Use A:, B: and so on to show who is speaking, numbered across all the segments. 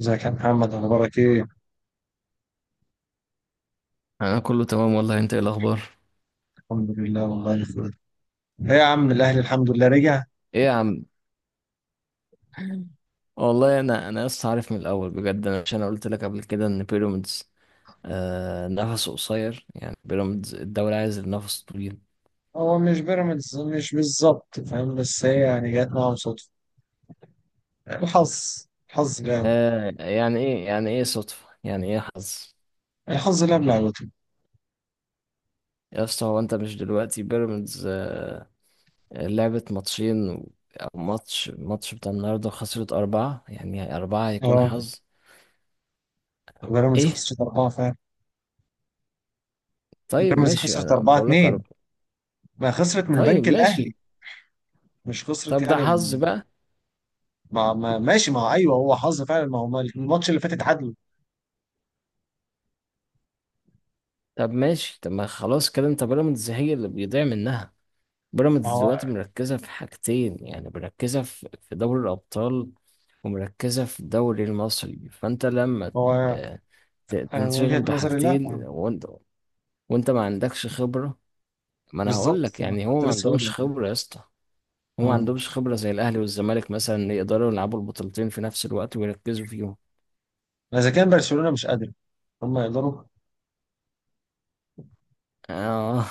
A: ازيك يا محمد، اخبارك ايه؟
B: انا كله تمام والله، انت ايه الاخبار؟
A: الحمد لله والله بخير. ايه يا عم الاهلي الحمد لله رجع.
B: ايه يا عم. والله انا لسه عارف من الاول بجد. انا مش انا قلت لك قبل كده ان بيراميدز نفسه قصير، يعني بيراميدز الدوري عايز النفس طويل.
A: هو مش بيراميدز، مش بالظبط فاهم، بس هي يعني جت معاهم صدفه. الحظ الحظ لعب
B: يعني ايه صدفة، يعني ايه حظ؟
A: الحظ لعب لعبته.
B: يا اسطى، هو انت مش دلوقتي بيراميدز؟ لعبت ماتشين او ماتش بتاع النهارده خسرت أربعة، يعني أربعة هيكون
A: اه،
B: حظ؟
A: بيراميدز
B: ايه.
A: خسرت اربعه فعلا.
B: طيب
A: بيراميدز
B: ماشي،
A: خسرت
B: انا
A: 4
B: بقول لك
A: 2
B: أربعة.
A: ما خسرت من
B: طيب
A: البنك
B: ماشي.
A: الاهلي. مش خسرت
B: طب ده
A: يعني
B: حظ
A: من.
B: بقى؟
A: ما ما ماشي، ما هو ايوه، هو حظ فعلا، ما هو الماتش اللي فات اتعادلوا.
B: طب ماشي، طب ما خلاص كده، انت بيراميدز هي اللي بيضيع منها.
A: ما
B: بيراميدز
A: هو
B: دلوقتي مركزة في حاجتين، يعني مركزة في دوري الأبطال، ومركزة في الدوري المصري، فانت لما
A: ما هو
B: آه،
A: انا من
B: تنشغل
A: وجهه نظري لا.
B: بحاجتين، وانت ما عندكش خبرة. ما انا هقول
A: بالظبط
B: لك،
A: أنا
B: يعني هو
A: كنت
B: ما
A: لسه هقول
B: عندهمش خبرة يا اسطى. هو ما
A: لك،
B: عندهمش خبرة زي الأهلي والزمالك، مثلا يقدروا يلعبوا البطولتين في نفس الوقت ويركزوا فيهم.
A: ما اذا كان برشلونه مش قادر هم يقدروا.
B: اه.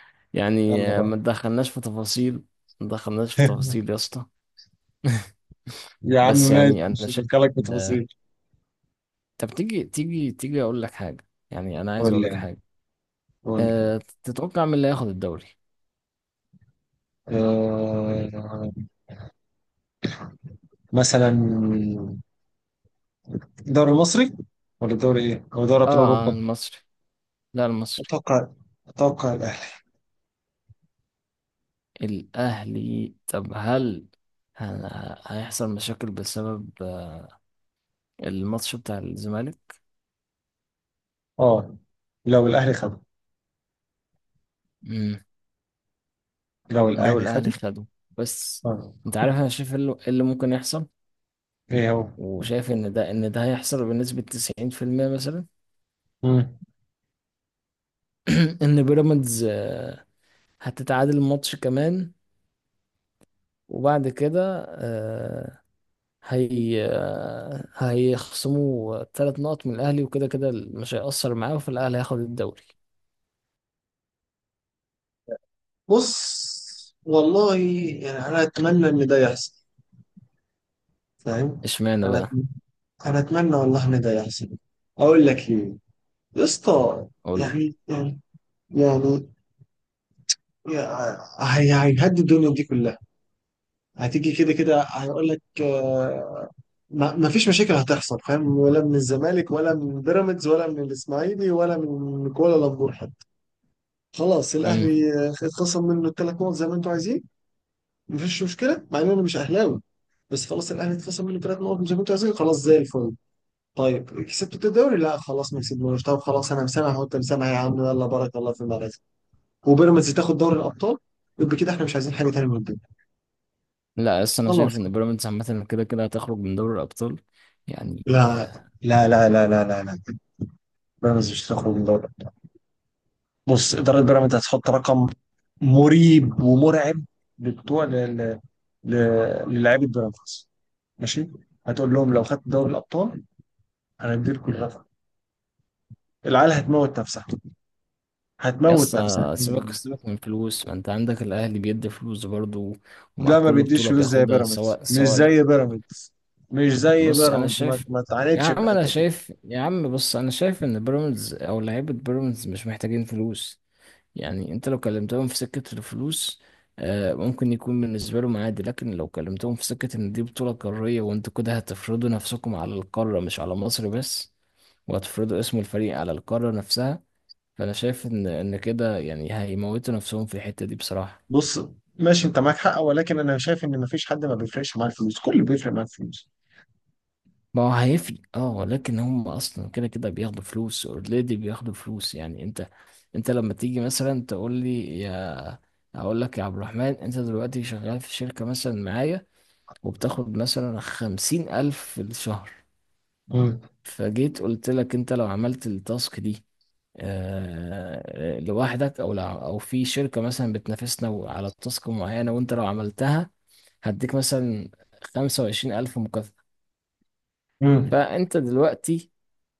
B: يعني
A: يلا بقى.
B: ما تدخلناش في تفاصيل. ما تدخلناش في تفاصيل يا اسطى.
A: يا عم
B: بس
A: ماشي،
B: يعني انا
A: مش
B: شايف.
A: هدخلك في تفاصيل.
B: طب تيجي تيجي تيجي اقول لك حاجه، يعني انا عايز
A: قول لي
B: اقول لك
A: يعني،
B: حاجه.
A: قول لي.
B: تتوقع مين اللي هياخد الدوري؟
A: آه، مثلا دوري مصري ولا دوري ايه؟ او دوري
B: اه.
A: ابطال اوروبا.
B: المصري. لا، المصري.
A: اتوقع اتوقع الاهلي.
B: الاهلي. طب هل هيحصل مشاكل بسبب الماتش بتاع الزمالك؟
A: اه، لو الاهلي خده
B: امم.
A: لو
B: لو
A: الاهلي
B: الاهلي
A: خده.
B: خده، بس
A: اه،
B: انت عارف انا شايف إيه اللي ممكن يحصل.
A: ايه هو؟
B: وشايف ان ده هيحصل بنسبه 90% مثلا.
A: مم.
B: ان بيراميدز هتتعادل الماتش كمان، وبعد كده هي آه، هيخصموا 3 نقط من الأهلي، وكده كده مش هيأثر معاه، فالأهلي هياخد الدوري.
A: بص والله، يعني انا اتمنى ان ده يحصل، فاهم؟
B: اشمعنى
A: انا
B: بقى؟
A: أت- انا اتمنى والله ان ده يحصل. اقول لك ليه؟ يا اسطى.
B: قول لي.
A: يعني يعني يعني، هي هيهدي الدنيا دي كلها. هتيجي كده كده هيقول لك، ما فيش مشاكل هتحصل، فاهم؟ ولا من الزمالك، ولا من بيراميدز، ولا من الاسماعيلي، ولا من كوالا لامبور حتى. خلاص
B: امم.
A: الاهلي اتخصم منه الثلاث نقط زي ما انتوا عايزين. ما فيش مشكله مع ان انا مش اهلاوي. بس خلاص الاهلي اتخصم منه ثلاث نقط زي ما انتوا عايزين، خلاص زي الفل. طيب كسبتوا الدوري؟ لا خلاص ما كسبناش. طب خلاص انا مسامح وانت مسامح يا عم، يلا بارك الله في المدرسه. وبيراميدز تاخد دوري الابطال. يبقى كده احنا مش عايزين حاجه تانيه من الدنيا.
B: لا، يس، انا
A: خلاص.
B: شايف ان بيراميدز عامه كده كده هتخرج من دوري الابطال. يعني
A: لا
B: آه،
A: لا لا لا لا لا لا، بيراميدز مش هتخرج من دوري الابطال. بص، اداره بيراميدز هتحط رقم مريب ومرعب لبتوع ل- ل- للاعيبه بيراميدز، ماشي. هتقول لهم لو خدت دوري الابطال، انا هديلكم الرقم، العيال هتموت نفسها
B: يس.
A: هتموت نفسها.
B: سيبك سيبك من فلوس، ما انت عندك الاهلي بيدي فلوس برضو، ومع
A: لا، ما
B: كل
A: بيديش
B: بطوله
A: فلوس زي
B: بياخدها
A: بيراميدز،
B: سواء سواء
A: مش زي
B: بص انا
A: بيراميدز. ما
B: شايف.
A: ما تعاندش في الحته دي.
B: يا عم بص انا شايف ان بيراميدز او لعيبه بيراميدز مش محتاجين فلوس. يعني انت لو كلمتهم في سكة الفلوس، ممكن يكون بالنسبة لهم عادي، لكن لو كلمتهم في سكة ان دي بطولة قارية وانتوا كده هتفرضوا نفسكم على القارة، مش على مصر بس، وهتفرضوا اسم الفريق على القارة نفسها. فانا شايف ان كده يعني هيموتوا نفسهم في الحتة دي بصراحة.
A: بص، ماشي انت معاك حق، ولكن انا شايف ان مفيش حد ما بيفرقش معاه الفلوس، كله بيفرق معاه الفلوس.
B: ما هو هيفرق، اه، لكن هم اصلا كده كده بياخدوا فلوس اوريدي، بياخدوا فلوس، يعني انت. انت لما تيجي مثلا تقول لي يا اقول لك يا عبد الرحمن، انت دلوقتي شغال في شركة مثلا معايا، وبتاخد مثلا 50 ألف في الشهر.
A: مم.
B: فجيت قلت لك، أنت لو عملت التاسك دي لوحدك، أو أو في شركة مثلا بتنافسنا على تاسك معينة، وأنت لو عملتها هديك مثلا 25 ألف مكافأة.
A: امم.
B: فأنت دلوقتي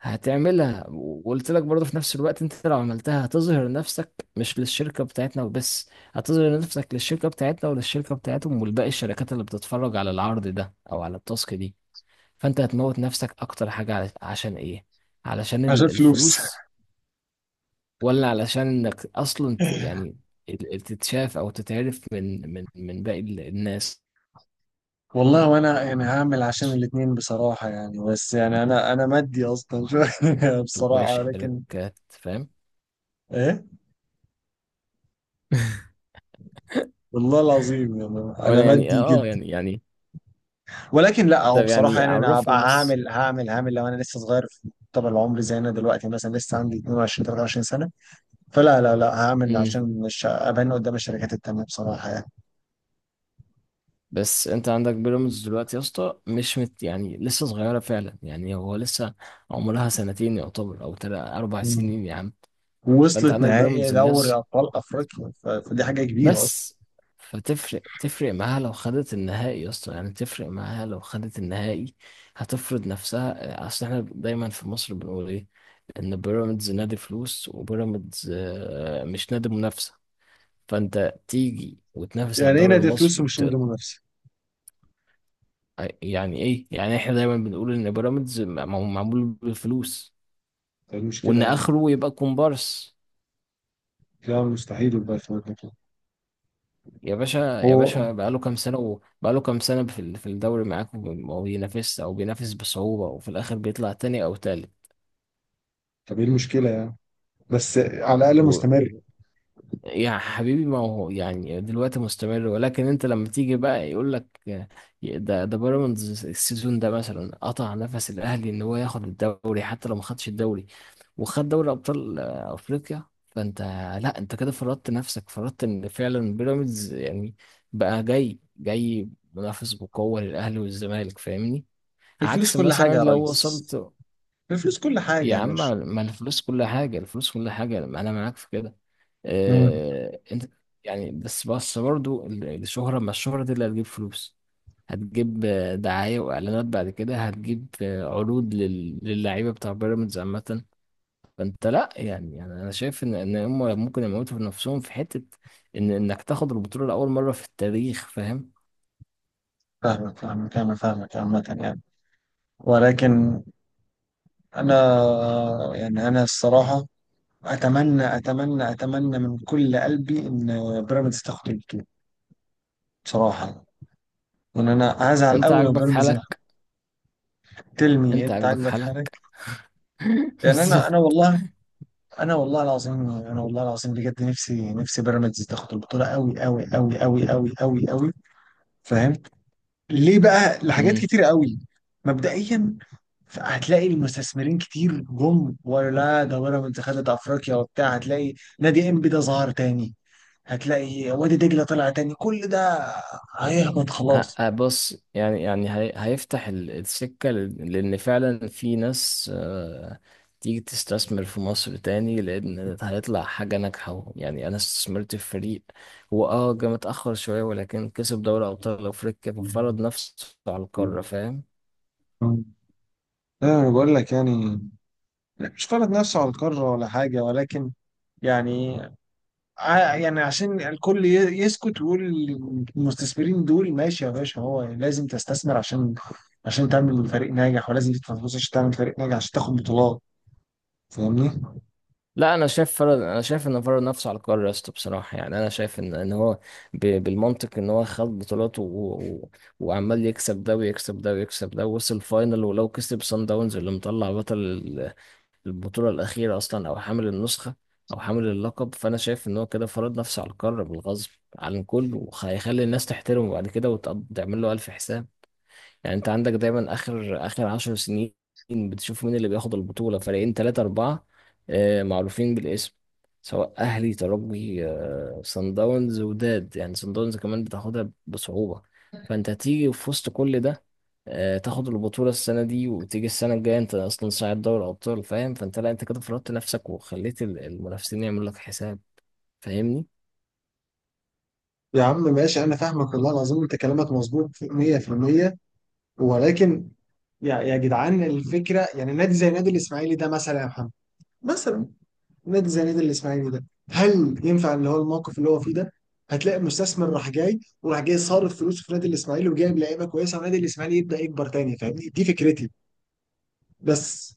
B: هتعملها، وقلت لك برضه في نفس الوقت أنت لو عملتها هتظهر نفسك مش للشركة بتاعتنا وبس، هتظهر نفسك للشركة بتاعتنا وللشركة بتاعتهم ولباقي الشركات اللي بتتفرج على العرض ده أو على التاسك دي. فانت هتموت نفسك اكتر حاجة عشان ايه؟ علشان
A: عشان فلوس.
B: الفلوس، ولا علشان انك اصلا يعني تتشاف او تتعرف من باقي الناس
A: والله وانا يعني هعمل عشان الاتنين بصراحة، يعني بس يعني انا مادي اصلا شوية
B: وباقي
A: بصراحة لكن.
B: الشركات، فاهم؟
A: ايه. والله العظيم يعني انا
B: وانا يعني
A: مادي
B: اه
A: جدا.
B: يعني.
A: ولكن لا، هو
B: طب
A: بصراحة
B: يعني
A: يعني انا
B: عرفني
A: هبقى
B: بس.
A: هعمل لو انا لسه صغير في طب العمر، زي انا دلوقتي مثلا لسه عندي 22 23 سنة. فلا لا لا هعمل
B: امم.
A: عشان مش ابان قدام الشركات التانية بصراحة.
B: بس انت عندك بيراميدز دلوقتي يا اسطى، مش مت، يعني لسه صغيره فعلا، يعني هو لسه عمرها سنتين يعتبر، او تلات اربع
A: يعني
B: سنين يا عم. فانت
A: ووصلت
B: عندك
A: نهائي
B: بيراميدز
A: دوري
B: الناس
A: ابطال افريقيا، فدي حاجه كبيره اصلا.
B: بس. فتفرق معاها لو خدت النهائي يا اسطى، يعني تفرق معاها لو خدت النهائي. هتفرض نفسها، اصل احنا دايما في مصر بنقول ايه؟ ان بيراميدز نادي فلوس، وبيراميدز مش نادي منافسة. فانت تيجي وتنافس على
A: يعني ايه
B: الدوري
A: نادي فلوس
B: المصري
A: ومش نادي منافسه؟
B: يعني ايه؟ يعني احنا دايما بنقول ان بيراميدز معمول بالفلوس،
A: ده المشكله
B: وان
A: يعني.
B: اخره يبقى كومبارس.
A: لا مستحيل يبقى في نادي كده.
B: يا باشا يا
A: هو
B: باشا، بقاله كام سنة وبقاله كام سنة في الدوري معاكم، وما بينافسش أو بينافس بصعوبة، وفي الآخر بيطلع تاني أو
A: طب ايه المشكله يعني؟ بس على الاقل مستمر.
B: تالت. يا حبيبي، ما هو يعني دلوقتي مستمر، ولكن انت لما تيجي بقى يقول لك ده بيراميدز السيزون ده مثلا قطع نفس الاهلي ان هو ياخد الدوري، حتى لو ما خدش الدوري، وخد دوري ابطال افريقيا. فانت لا، انت كده فرضت نفسك، فرضت ان فعلا بيراميدز يعني بقى جاي جاي منافس بقوة للاهلي والزمالك، فاهمني.
A: الفلوس
B: عكس
A: كل
B: مثلا
A: حاجه يا
B: لو
A: ريس،
B: وصلت.
A: الفلوس كل حاجه
B: يا
A: يا
B: عم،
A: باشا.
B: ما الفلوس كل حاجة، الفلوس كل حاجة، أنا معاك في كده.
A: امم.
B: أنت يعني بس برضو الشهرة، ما الشهرة دي اللي هتجيب فلوس، هتجيب دعاية وإعلانات، بعد كده هتجيب عروض للعيبة بتاع بيراميدز عامة. فأنت لأ، يعني أنا شايف إن هم ممكن يموتوا في نفسهم في حتة إنك تاخد البطولة لأول مرة في التاريخ، فاهم؟
A: فاهمك أنا فاهمك عامة يعني. ولكن أنا، يعني أنا الصراحة أتمنى أتمنى أتمنى من كل قلبي إن بيراميدز تاخد البطولة بصراحة. وإن أنا هزعل
B: أنت
A: أوي لو
B: عاجبك
A: بيراميدز
B: حالك!
A: تلمي.
B: أنت
A: انت
B: عاجبك
A: عاجبك حالك.
B: حالك!
A: يعني انا
B: بالظبط.
A: والله، انا والله العظيم انا والله العظيم بجد، نفسي نفسي بيراميدز تاخد البطوله قوي قوي قوي قوي قوي قوي قوي. فاهم. ليه بقى؟ لحاجات كتير قوي. مبدئيا، هتلاقي المستثمرين كتير جم، ولا ده بيراميدز خدت افريقيا وبتاع. هتلاقي نادي انبي ده ظهر تاني، هتلاقي وادي دجله طلع تاني، كل ده هيهبط خلاص.
B: بص، يعني هيفتح السكة لأن فعلا في ناس تيجي تستثمر في مصر تاني، لأن هيطلع حاجة ناجحة، يعني أنا استثمرت في فريق، هو جه متأخر شوية، ولكن كسب دوري أبطال أفريقيا، ففرض نفسه على القارة، فاهم؟
A: مم. انا بقول لك يعني، لا، مش فرض نفسه على القاره ولا حاجه، ولكن يعني يعني عشان الكل يسكت ويقول. المستثمرين دول، ماشي يا باشا، هو لازم تستثمر عشان تعمل فريق ناجح، ولازم تدفع فلوس عشان تعمل فريق ناجح عشان تاخد بطولات. فاهمني؟
B: لا، انا شايف فرض، انا شايف ان فرض نفسه على القرار يا اسطى بصراحه، يعني انا شايف ان هو بالمنطق ان هو خد بطولات وعمال يكسب ده ويكسب ده ويكسب ده، ووصل فاينل، ولو كسب سان داونز اللي مطلع بطل البطوله الاخيره اصلا، او حامل النسخه، او حامل اللقب، فانا شايف ان هو كده فرض نفسه على القرار بالغصب عن الكل، وهيخلي الناس تحترمه بعد كده وتعمل له الف حساب. يعني انت عندك دايما اخر 10 سنين بتشوف مين اللي بياخد البطولة، فريقين ثلاثة أربعة، معروفين بالاسم، سواء أهلي، ترجي، صن داونز، وداد، يعني صن داونز كمان بتاخدها بصعوبة. فأنت تيجي في وسط كل ده، تاخد البطولة السنة دي، وتيجي السنة الجاية أنت أصلا صاعد دوري أبطال، فاهم؟ لا، أنت كده فرضت نفسك وخليت المنافسين يعملوا لك حساب، فاهمني؟
A: يا عم ماشي، انا فاهمك والله العظيم، انت كلامك مظبوط 100%. ولكن يا جدعان الفكره، يعني نادي زي نادي الاسماعيلي ده مثلا يا محمد. مثلا نادي زي نادي الاسماعيلي ده، هل ينفع اللي هو الموقف اللي هو فيه ده؟ هتلاقي مستثمر راح جاي وراح جاي صارف فلوس في نادي الاسماعيلي، وجايب لعيبه كويسه، ونادي الاسماعيلي يبدا يكبر تاني. فاهمني؟ دي فكرتي بس.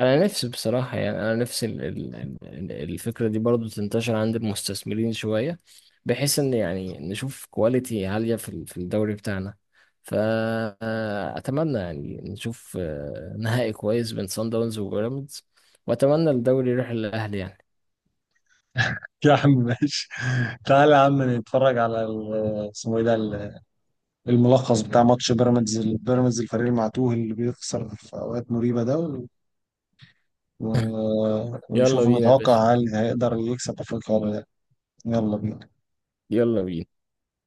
B: انا نفسي بصراحه، يعني انا نفسي الفكره دي برضو تنتشر عند المستثمرين شويه، بحيث ان يعني نشوف كواليتي عاليه في الدوري بتاعنا. فاتمنى يعني نشوف نهائي كويس بين سان داونز وبيراميدز، واتمنى الدوري يروح للاهلي، يعني.
A: يا عم ماشي، تعالى يا عم نتفرج على اسمه ايه ده، الملخص بتاع ماتش بيراميدز، الفريق المعتوه اللي بيخسر في اوقات مريبة ده.
B: يلا
A: ونشوف
B: بينا يا
A: نتوقع
B: باشا،
A: هل هيقدر يكسب افريقيا ولا لا. يلا بينا.
B: يلا بينا.